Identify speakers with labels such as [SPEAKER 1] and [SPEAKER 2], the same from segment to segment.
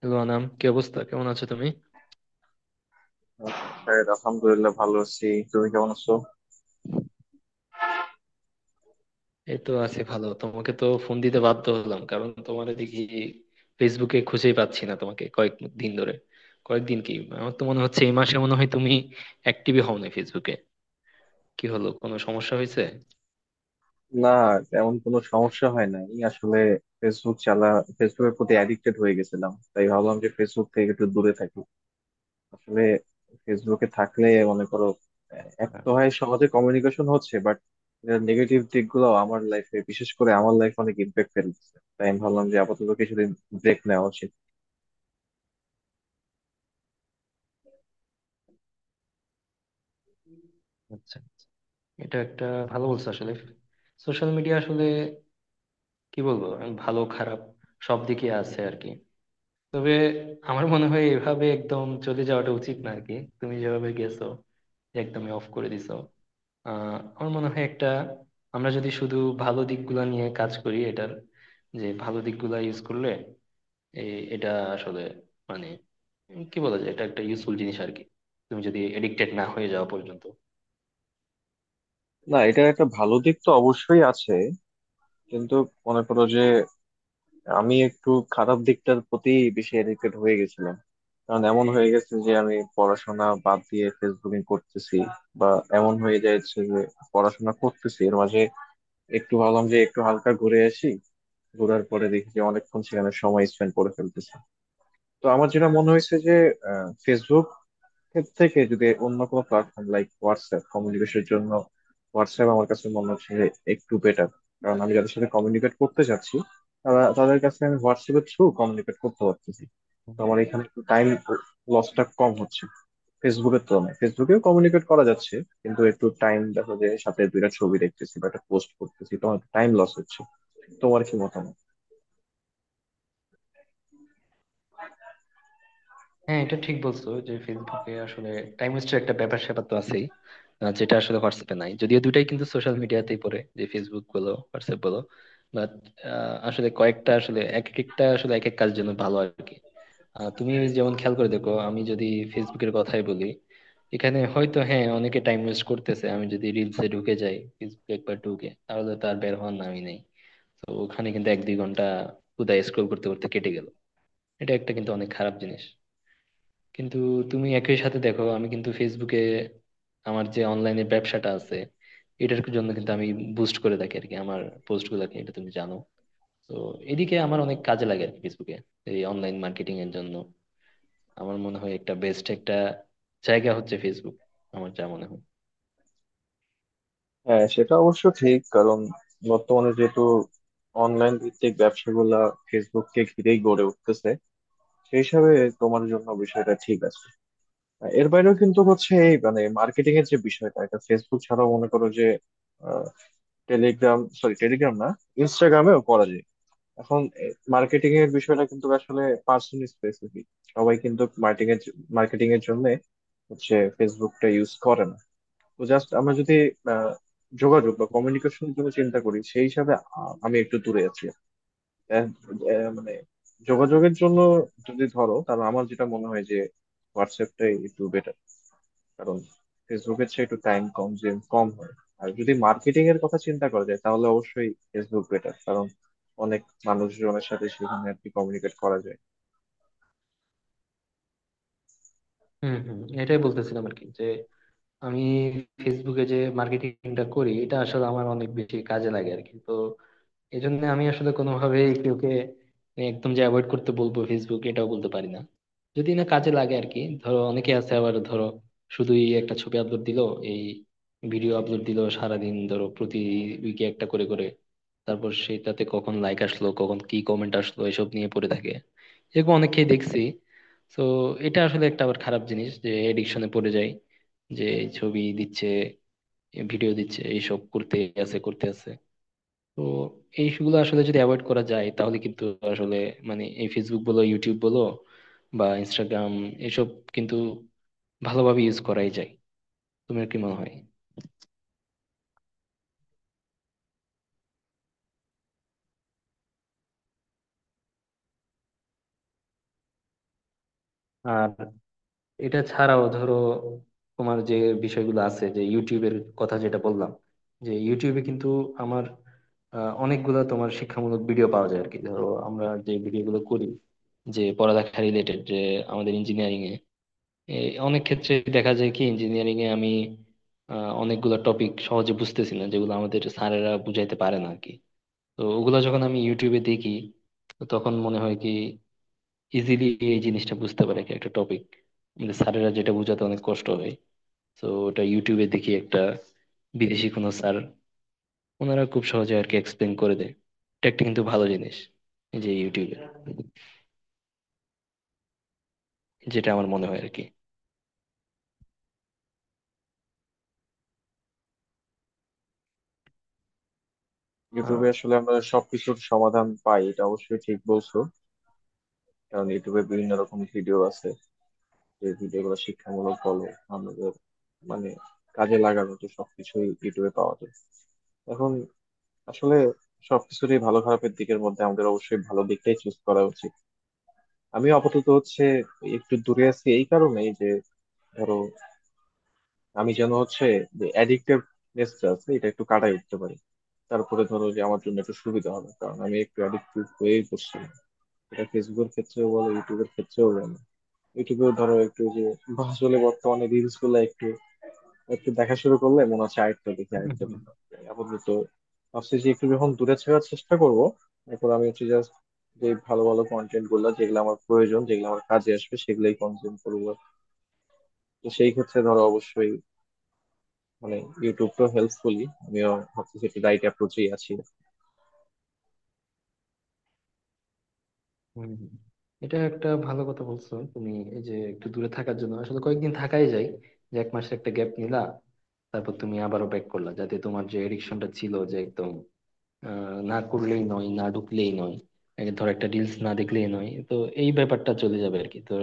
[SPEAKER 1] Hello Anam, কি অবস্থা? কেমন আছো তুমি?
[SPEAKER 2] স্যার, আলহামদুলিল্লাহ ভালো আছি। তুমি কেমন আছো?
[SPEAKER 1] এই তো আছি ভালো। তোমাকে তো ফোন দিতে বাধ্য হলাম কারণ তোমার দেখি ফেসবুকে খুঁজেই পাচ্ছি না তোমাকে কয়েক দিন ধরে। কয়েকদিন কি, আমার তো মনে হচ্ছে এই মাসে মনে হয় তুমি অ্যাক্টিভই হও না ফেসবুকে। কি হলো, কোনো সমস্যা হয়েছে?
[SPEAKER 2] না, তেমন কোনো সমস্যা হয় না। আমি আসলে ফেসবুক চালা ফেসবুকের প্রতি অ্যাডিক্টেড হয়ে গেছিলাম, তাই ভাবলাম যে ফেসবুক থেকে একটু দূরে থাকি। আসলে ফেসবুকে থাকলে মনে করো, এক
[SPEAKER 1] আহ,
[SPEAKER 2] তো হয় সহজে কমিউনিকেশন হচ্ছে, বাট নেগেটিভ দিকগুলো আমার লাইফে, বিশেষ করে আমার লাইফে অনেক ইম্প্যাক্ট ফেলছে, তাই আমি ভাবলাম যে আপাতত কিছুদিন ব্রেক নেওয়া উচিত।
[SPEAKER 1] আচ্ছা। এটা একটা ভালো বলছো আসলে। সোশ্যাল মিডিয়া আসলে কি বলবো, আমি ভালো খারাপ সব দিকে আছে আর কি। তবে আমার মনে হয় এভাবে একদম চলে যাওয়াটা উচিত না আর কি, তুমি যেভাবে গেছো, যে একদমই অফ করে দিছো। আমার মনে হয় একটা, আমরা যদি শুধু ভালো দিকগুলো নিয়ে কাজ করি এটার, যে ভালো দিকগুলো ইউজ করলে এই এটা আসলে মানে কি বলা যায়, এটা একটা ইউজফুল জিনিস আর কি, তুমি যদি এডিক্টেড না হয়ে যাওয়া পর্যন্ত।
[SPEAKER 2] না, এটার একটা ভালো দিক তো অবশ্যই আছে, কিন্তু মনে করো যে আমি একটু খারাপ দিকটার প্রতি বেশি এডিক্টেড হয়ে গেছিলাম। কারণ এমন হয়ে গেছে যে আমি পড়াশোনা বাদ দিয়ে ফেসবুকিং করতেছি, বা এমন হয়ে যাচ্ছে যে পড়াশোনা করতেছি, এর মাঝে একটু ভাবলাম যে একটু হালকা ঘুরে আসি, ঘোরার পরে দেখি যে অনেকক্ষণ সেখানে সময় স্পেন্ড করে ফেলতেছি। তো আমার যেটা মনে হয়েছে যে ফেসবুক ক্ষেত্র থেকে যদি অন্য কোনো প্ল্যাটফর্ম লাইক হোয়াটসঅ্যাপ কমিউনিকেশনের জন্য, হোয়াটসঅ্যাপ আমার কাছে মনে হচ্ছে যে একটু বেটার। কারণ আমি যাদের সাথে কমিউনিকেট করতে চাচ্ছি, তাদের কাছে আমি হোয়াটসঅ্যাপের থ্রু কমিউনিকেট করতে পারতেছি।
[SPEAKER 1] হুম।
[SPEAKER 2] তো আমার এখানে একটু টাইম লসটা কম হচ্ছে ফেসবুকের তুলনায়। ফেসবুকেও কমিউনিকেট করা যাচ্ছে কিন্তু একটু টাইম, দেখো যে সাথে দুইটা ছবি দেখতেছি বা একটা পোস্ট করতেছি, তোমার টাইম লস হচ্ছে। তোমার কি মতামত?
[SPEAKER 1] হ্যাঁ, এটা ঠিক বলছো যে ফেসবুকে আসলে টাইম ওয়েস্টের একটা ব্যাপার স্যাপার তো আছেই। যেটা আসলে হোয়াটসঅ্যাপে নাই, যদিও দুটাই কিন্তু সোশ্যাল মিডিয়াতেই পড়ে, যে ফেসবুক বলো হোয়াটসঅ্যাপ বলো। বাট আসলে কয়েকটা আসলে এক একটা আসলে এক এক কাজ জন্য ভালো আর কি। তুমি যেমন খেয়াল করে দেখো, আমি যদি ফেসবুকের কথাই বলি, এখানে হয়তো হ্যাঁ অনেকে টাইম ওয়েস্ট করতেছে। আমি যদি রিলসে ঢুকে যাই ফেসবুকে একবার ঢুকে তাহলে তো আর বের হওয়ার নামই নেই। তো ওখানে কিন্তু এক দুই ঘন্টা কোথায় স্ক্রোল করতে করতে কেটে গেল। এটা একটা কিন্তু অনেক খারাপ জিনিস। কিন্তু তুমি একই সাথে দেখো, আমি কিন্তু ফেসবুকে, আমার যে অনলাইনে ব্যবসাটা আছে এটার জন্য কিন্তু আমি বুস্ট করে থাকি আর কি, আমার পোস্ট গুলাকে, এটা তুমি জানো। তো এদিকে আমার অনেক কাজে লাগে আর কি ফেসবুকে, এই অনলাইন মার্কেটিং এর জন্য। আমার মনে হয় একটা বেস্ট একটা জায়গা হচ্ছে ফেসবুক, আমার যা মনে হয়।
[SPEAKER 2] হ্যাঁ, সেটা অবশ্য ঠিক। কারণ বর্তমানে যেহেতু অনলাইন ভিত্তিক ব্যবসাগুলা ফেসবুককে ঘিরেই গড়ে উঠতেছে, সেই হিসাবে তোমার জন্য বিষয়টা ঠিক আছে। এর বাইরেও কিন্তু হচ্ছে এই মানে মার্কেটিং এর যে বিষয়টা, এটা ফেসবুক ছাড়াও মনে করো যে টেলিগ্রাম না, ইনস্টাগ্রামেও করা যায়। এখন মার্কেটিং এর বিষয়টা কিন্তু আসলে পার্সন স্পেসিফিক। সবাই কিন্তু মার্কেটিং এর জন্য হচ্ছে ফেসবুকটা ইউজ করে না। তো জাস্ট আমরা যদি আহ, যোগাযোগ বা কমিউনিকেশন জন্য চিন্তা করি, সেই হিসাবে আমি একটু দূরে আছি। আহ, মানে যোগাযোগের জন্য যদি ধরো, তাহলে আমার যেটা মনে হয় যে হোয়াটসঅ্যাপটাই একটু বেটার। কারণ ফেসবুকের চেয়ে একটু টাইম কনজিউম কম হয়। আর যদি মার্কেটিং এর কথা চিন্তা করা যায়, তাহলে অবশ্যই ফেসবুক বেটার। কারণ অনেক মানুষজনের সাথে সেখানে আর কি কমিউনিকেট করা যায়।
[SPEAKER 1] হম হম, এটাই বলতেছিলাম আর কি, যে আমি ফেসবুকে যে মার্কেটিংটা করি এটা আসলে আমার অনেক বেশি কাজে লাগে আর কি। তো এই জন্য আমি আসলে কোনোভাবে কেউকে একদম যে অ্যাভয়েড করতে বলবো ফেসবুক এটাও বলতে পারি না, যদি না কাজে লাগে আর কি। ধরো অনেকে আছে আবার, ধরো শুধুই একটা ছবি আপলোড দিলো, এই ভিডিও আপলোড দিলো সারাদিন, ধরো প্রতি উইকে একটা করে করে, তারপর সেটাতে কখন লাইক আসলো কখন কি কমেন্ট আসলো এসব নিয়ে পড়ে থাকে। এরকম অনেককেই দেখছি। তো এটা আসলে একটা আবার খারাপ জিনিস, যে এডিকশনে পড়ে যায়, যে এই ছবি দিচ্ছে ভিডিও দিচ্ছে এইসব করতে আছে করতে আছে। তো এইগুলো আসলে যদি অ্যাভয়েড করা যায় তাহলে কিন্তু আসলে মানে এই ফেসবুক বলো ইউটিউব বলো বা ইনস্টাগ্রাম এসব কিন্তু ভালোভাবে ইউজ করাই যায়। তোমার কি মনে হয়? আর এটা ছাড়াও ধরো তোমার যে বিষয়গুলো আছে, যে ইউটিউবের কথা যেটা বললাম, যে ইউটিউবে কিন্তু আমার অনেকগুলো তোমার শিক্ষামূলক ভিডিও পাওয়া যায় আর কি। ধরো আমরা যে ভিডিওগুলো করি, যে পড়ালেখা রিলেটেড, যে আমাদের ইঞ্জিনিয়ারিং এ এই অনেক ক্ষেত্রে দেখা যায় কি, ইঞ্জিনিয়ারিং এ আমি অনেকগুলো টপিক সহজে বুঝতেছি না যেগুলো আমাদের স্যারেরা বুঝাইতে পারে না আর কি। তো ওগুলা যখন আমি ইউটিউবে দেখি তো তখন মনে হয় কি ইজিলি এই জিনিসটা বুঝতে পারে কি একটা টপিক, কিন্তু স্যারেরা যেটা বোঝাতে অনেক কষ্ট হয়। তো ওটা ইউটিউবে দেখি একটা বিদেশি কোনো স্যার, ওনারা খুব সহজে আর কি এক্সপ্লেন করে দেয়। এটা একটা কিন্তু ভালো জিনিস, এই যে ইউটিউবে, যেটা আমার মনে হয় আর কি।
[SPEAKER 2] ইউটিউবে
[SPEAKER 1] আহ,
[SPEAKER 2] আসলে আমরা সবকিছুর সমাধান পাই, এটা অবশ্যই ঠিক বলছো। কারণ ইউটিউবে বিভিন্ন রকম ভিডিও আছে, যে ভিডিওগুলো শিক্ষামূলক বলো, আমাদের মানে কাজে লাগানো, তো সবকিছুই ইউটিউবে পাওয়া যায়। এখন আসলে সবকিছুরই ভালো খারাপের দিকের মধ্যে আমাদের অবশ্যই ভালো দিকটাই চুজ করা উচিত। আমি আপাতত হচ্ছে একটু দূরে আছি এই কারণেই যে ধরো, আমি যেন হচ্ছে যে অ্যাডিক্টিভ নেসটা আছে এটা একটু কাটাই উঠতে পারি। তারপরে ধরো যে আমার জন্য একটু সুবিধা হবে, কারণ আমি একটু অ্যাডিক্টিভ হয়েই পড়ছি। এটা ফেসবুকের ক্ষেত্রেও বলো, ইউটিউবের ক্ষেত্রেও বলো, ইউটিউবেও ধরো একটু যে আসলে বর্তমানে রিলস গুলো একটু একটু দেখা শুরু করলে মনে হচ্ছে আরেকটা দেখি,
[SPEAKER 1] হুম
[SPEAKER 2] আরেকটা
[SPEAKER 1] হুম।
[SPEAKER 2] দেখি। আপাতত ভাবছি যে একটু যখন দূরে থাকার চেষ্টা করব, এরপর আমি হচ্ছে জাস্ট যে ভালো ভালো কন্টেন্ট গুলো, যেগুলো আমার প্রয়োজন, যেগুলো আমার কাজে আসবে, সেগুলোই কনজিউম করবো। তো সেই ক্ষেত্রে ধরো অবশ্যই মানে ইউটিউব তো হেল্পফুলি, আমিও ভাবতেছি একটু রাইট অ্যাপ্রোচেই আছি।
[SPEAKER 1] হুম হুম। এটা একটা ভালো কথা বলছো তুমি। এই যে একটু দূরে থাকার জন্য আসলে কয়েকদিন থাকাই যায়, যে এক মাসের একটা গ্যাপ নিলা, তারপর তুমি আবারও ব্যাক করলা, যাতে তোমার যে এডিকশনটা ছিল যে একদম আ না করলেই নয়, না ঢুকলেই নয়। এ ধর একটা রিলস না দেখলেই নয়। তো এই ব্যাপারটা চলে যাবে আরকি। তো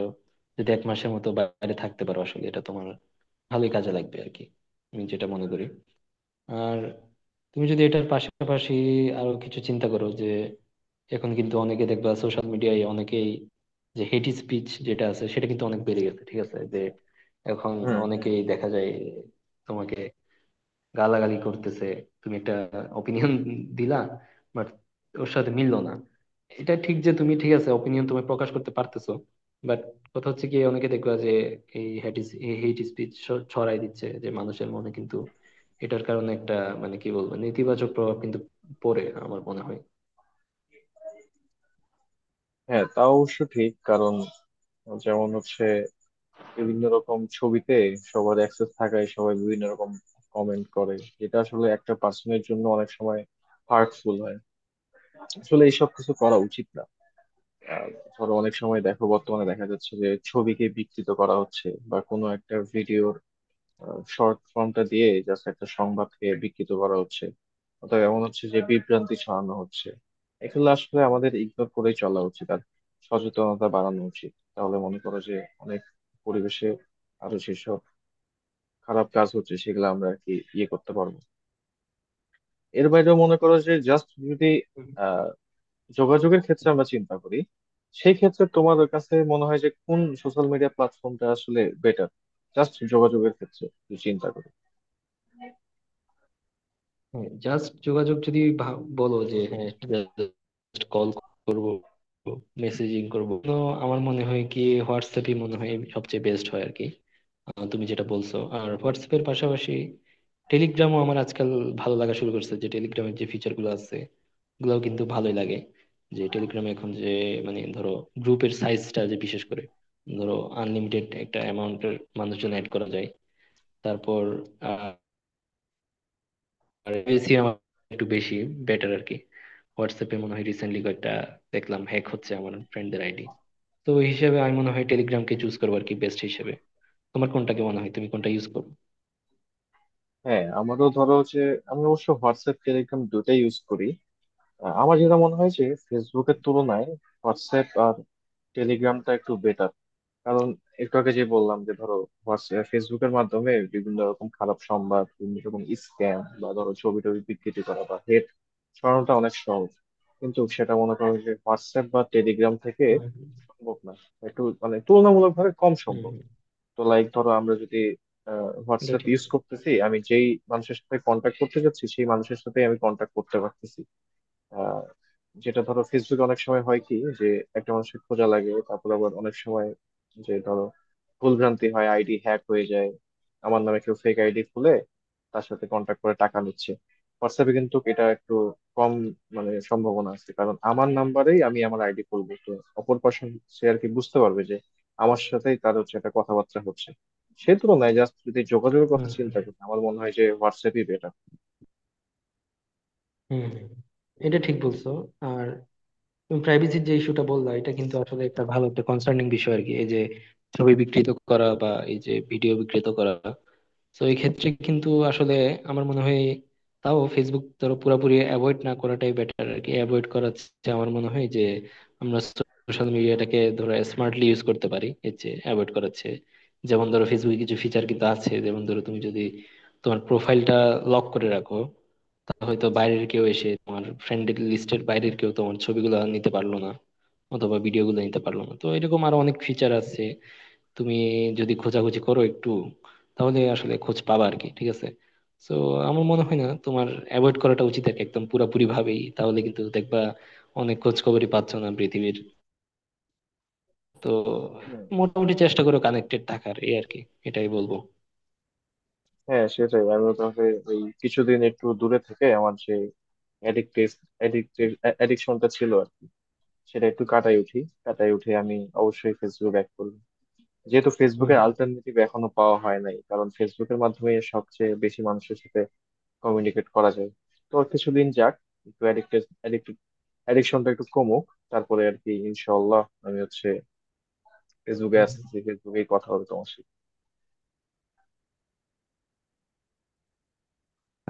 [SPEAKER 1] যদি ১ মাসের মতো বাইরে থাকতে পারো আসলে এটা তোমার ভালোই কাজে লাগবে আরকি, আমি যেটা মনে করি। আর তুমি যদি এটার পাশাপাশি আরো কিছু চিন্তা করো, যে এখন কিন্তু অনেকে দেখবা সোশ্যাল মিডিয়ায় অনেকেই যে হেট স্পিচ যেটা আছে সেটা কিন্তু অনেক বেড়ে গেছে। ঠিক আছে? যে এখন
[SPEAKER 2] হুম হুম।
[SPEAKER 1] অনেকেই দেখা যায় তোমাকে গালাগালি করতেছে, তুমি একটা অপিনিয়ন দিলা বাট ওর সাথে মিললো না। এটা ঠিক যে তুমি ঠিক আছে অপিনিয়ন তুমি প্রকাশ করতে পারতেছো, বাট কথা হচ্ছে কি, অনেকে দেখবা যে এই হেট স্পিচ ছড়াই দিচ্ছে, যে মানুষের মনে কিন্তু এটার কারণে একটা মানে কি বলবো নেতিবাচক প্রভাব কিন্তু পড়ে আমার মনে হয়।
[SPEAKER 2] হ্যাঁ, তা অবশ্য ঠিক। কারণ যেমন হচ্ছে বিভিন্ন রকম ছবিতে সবার অ্যাক্সেস থাকায় সবাই বিভিন্ন রকম কমেন্ট করে। এটা আসলে একটা পার্সনের জন্য অনেক সময় হার্টফুল হয়। আসলে এইসব কিছু করা উচিত না। আহ, ধরো অনেক সময় দেখো, বর্তমানে দেখা যাচ্ছে যে ছবিকে বিকৃত করা হচ্ছে, বা কোনো একটা ভিডিওর শর্ট ফর্মটা দিয়ে জাস্ট একটা সংবাদকে বিকৃত করা হচ্ছে, অথবা এমন হচ্ছে যে বিভ্রান্তি ছড়ানো হচ্ছে। এগুলো আসলে আমাদের ইগনোর করেই চলা উচিত আর সচেতনতা বাড়ানো উচিত, তাহলে মনে করো যে অনেক পরিবেশে আরো যেসব খারাপ কাজ হচ্ছে, সেগুলো আমরা আর কি ইয়ে করতে পারবো। এর বাইরেও মনে করো যে জাস্ট যদি যোগাযোগের ক্ষেত্রে আমরা চিন্তা করি, সেই ক্ষেত্রে তোমার কাছে মনে হয় যে কোন সোশ্যাল মিডিয়া প্ল্যাটফর্মটা আসলে বেটার? জাস্ট যোগাযোগের ক্ষেত্রে যদি চিন্তা করি।
[SPEAKER 1] জাস্ট যোগাযোগ যদি বলো যে হ্যাঁ, জাস্ট কল করব, মেসেজিং করব, তো আমার মনে হয় কি হোয়াটসঅ্যাপই মনে হয় সবচেয়ে বেস্ট হয় আর কি। তুমি যেটা বলছো, আর হোয়াটসঅ্যাপের পাশাপাশি টেলিগ্রামও আমার আজকাল ভালো লাগা শুরু করছে, যে টেলিগ্রামের যে ফিচার গুলো আছে ওগুলাও কিন্তু ভালোই লাগে। যে টেলিগ্রামে এখন যে মানে ধরো গ্রুপের সাইজটা যে বিশেষ করে ধরো আনলিমিটেড একটা অ্যামাউন্টের মানুষজন অ্যাড করা যায়। তারপর আর বেশি আমার একটু বেশি বেটার আর কি। হোয়াটসঅ্যাপে মনে হয় রিসেন্টলি কয়েকটা দেখলাম হ্যাক হচ্ছে আমার ফ্রেন্ডদের আইডি। তো ওই হিসেবে আমি মনে হয় টেলিগ্রামকে চুজ করবো আর কি, বেস্ট হিসেবে। তোমার কোনটাকে মনে হয়, তুমি কোনটা ইউজ করো?
[SPEAKER 2] হ্যাঁ, আমারও ধরো যে, আমি অবশ্য হোয়াটসঅ্যাপ টেলিগ্রাম দুটাই ইউজ করি। আমার যেটা মনে হয় যে ফেসবুকের তুলনায় হোয়াটসঅ্যাপ আর টেলিগ্রামটা একটু বেটার। কারণ একটু আগে যে বললাম যে ধরো, ফেসবুকের মাধ্যমে বিভিন্ন রকম খারাপ সংবাদ, বিভিন্ন রকম স্ক্যাম, বা ধরো ছবি টবি বিকৃতি করা বা হেট ছড়ানোটা অনেক সহজ। কিন্তু সেটা মনে করো যে হোয়াটসঅ্যাপ বা টেলিগ্রাম থেকে
[SPEAKER 1] হুম
[SPEAKER 2] সম্ভব না, একটু মানে তুলনামূলকভাবে কম
[SPEAKER 1] হুম।
[SPEAKER 2] সম্ভব।
[SPEAKER 1] হুম হুম।
[SPEAKER 2] তো লাইক ধরো, আমরা যদি
[SPEAKER 1] এটা
[SPEAKER 2] হোয়াটসঅ্যাপ
[SPEAKER 1] ঠিক
[SPEAKER 2] ইউজ করতেছি, আমি যেই মানুষের সাথে কন্ট্যাক্ট করতে যাচ্ছি, সেই মানুষের সাথে আমি কন্ট্যাক্ট করতে পারতেছি। আহ, যেটা ধরো ফেসবুকে অনেক সময় হয় কি যে একটা মানুষের খোঁজা লাগে, তারপর আবার অনেক সময় যে ধরো ভুলভ্রান্তি হয়, আইডি হ্যাক হয়ে যায়, আমার নামে কেউ ফেক আইডি খুলে তার সাথে কন্ট্যাক্ট করে টাকা নিচ্ছে। হোয়াটসঅ্যাপে কিন্তু এটা একটু কম মানে সম্ভাবনা আছে, কারণ আমার নাম্বারেই আমি আমার আইডি খুলবো। তো অপর পার্সন সে আর কি বুঝতে পারবে যে আমার সাথেই তার হচ্ছে একটা কথাবার্তা হচ্ছে। সে তুলনায় জাস্ট যদি যোগাযোগের কথা
[SPEAKER 1] হুম হুম
[SPEAKER 2] চিন্তা করি, আমার মনে হয় যে হোয়াটসঅ্যাপই বেটার।
[SPEAKER 1] হুম হুম এটা ঠিক বলছো। আর তুমি প্রাইভেসির যে ইস্যুটা বললা, এটা কিন্তু আসলে একটা ভালো একটা কনসার্নিং বিষয় আর কি, এই যে ছবি বিকৃত করা বা এই যে ভিডিও বিকৃত করা। তো এই ক্ষেত্রে কিন্তু আসলে আমার মনে হয় তাও ফেসবুক ধরো পুরোপুরি অ্যাভয়েড না করাটাই বেটার আর কি। অ্যাভয়েড করা হচ্ছে আমার মনে হয় যে আমরা সোশ্যাল মিডিয়াটাকে ধরো স্মার্টলি ইউজ করতে পারি এর চেয়ে অ্যাভয়েড করাচ্ছে। যেমন ধরো ফেসবুকে কিছু ফিচার কিন্তু আছে, যেমন ধরো তুমি যদি তোমার প্রোফাইলটা লক করে রাখো, তা হয়তো বাইরের কেউ এসে তোমার ফ্রেন্ডের লিস্টের বাইরের কেউ তোমার ছবিগুলো নিতে পারলো না অথবা ভিডিওগুলো নিতে পারলো না। তো এরকম আরো অনেক ফিচার আছে, তুমি যদি খোঁজাখুঁজি করো একটু তাহলে আসলে খোঁজ পাবা আর কি। ঠিক আছে? তো আমার মনে হয় না তোমার অ্যাভয়েড করাটা উচিত আর কি, একদম পুরাপুরি ভাবেই, তাহলে কিন্তু দেখবা অনেক খোঁজ খবরই পাচ্ছ না পৃথিবীর। তো মোটামুটি চেষ্টা করো কানেক্টেড থাকার এই আর কি, এটাই বলবো।
[SPEAKER 2] হ্যাঁ, সেটাই আমি তোমাকে, ওই কিছুদিন একটু দূরে থেকে আমার যে অ্যাডিক্টিভ অ্যাডিক্টিভ অ্যাডিকশনটা ছিল আর কি, সেটা একটু কাটাই উঠি। কাটাই উঠে আমি অবশ্যই ফেসবুক ব্যাক করবো, যেহেতু
[SPEAKER 1] হুম।
[SPEAKER 2] ফেসবুকের অল্টারনেটিভ এখনো পাওয়া হয় নাই। কারণ ফেসবুকের মাধ্যমে সবচেয়ে বেশি মানুষের সাথে কমিউনিকেট করা যায়। তো আর কিছুদিন যাক, একটু অ্যাডিক্টেড অ্যাডিক্টেড অ্যাডিকশনটা একটু কমুক, তারপরে আর কি ইনশাল্লাহ আমি হচ্ছে ফেসবুকে
[SPEAKER 1] হুম।
[SPEAKER 2] আসতেছি, ফেসবুকেই কথা হবে তোমার সাথে।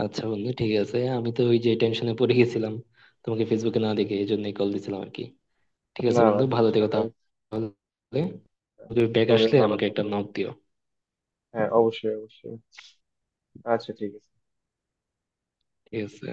[SPEAKER 1] আচ্ছা বন্ধু, ঠিক আছে, আমি তো ওই যে টেনশনে পড়ে গেছিলাম তোমাকে ফেসবুকে না দেখে, এই জন্যই কল দিছিলাম আর কি। ঠিক আছে
[SPEAKER 2] না না,
[SPEAKER 1] বন্ধু, ভালো
[SPEAKER 2] টেনশন
[SPEAKER 1] থেকো
[SPEAKER 2] নেই,
[SPEAKER 1] তাহলে। ব্যাগ
[SPEAKER 2] তুমি
[SPEAKER 1] আসলে
[SPEAKER 2] ভালো
[SPEAKER 1] আমাকে একটা
[SPEAKER 2] থাকো।
[SPEAKER 1] নক দিও।
[SPEAKER 2] হ্যাঁ, অবশ্যই অবশ্যই। আচ্ছা, ঠিক আছে।
[SPEAKER 1] ঠিক আছে।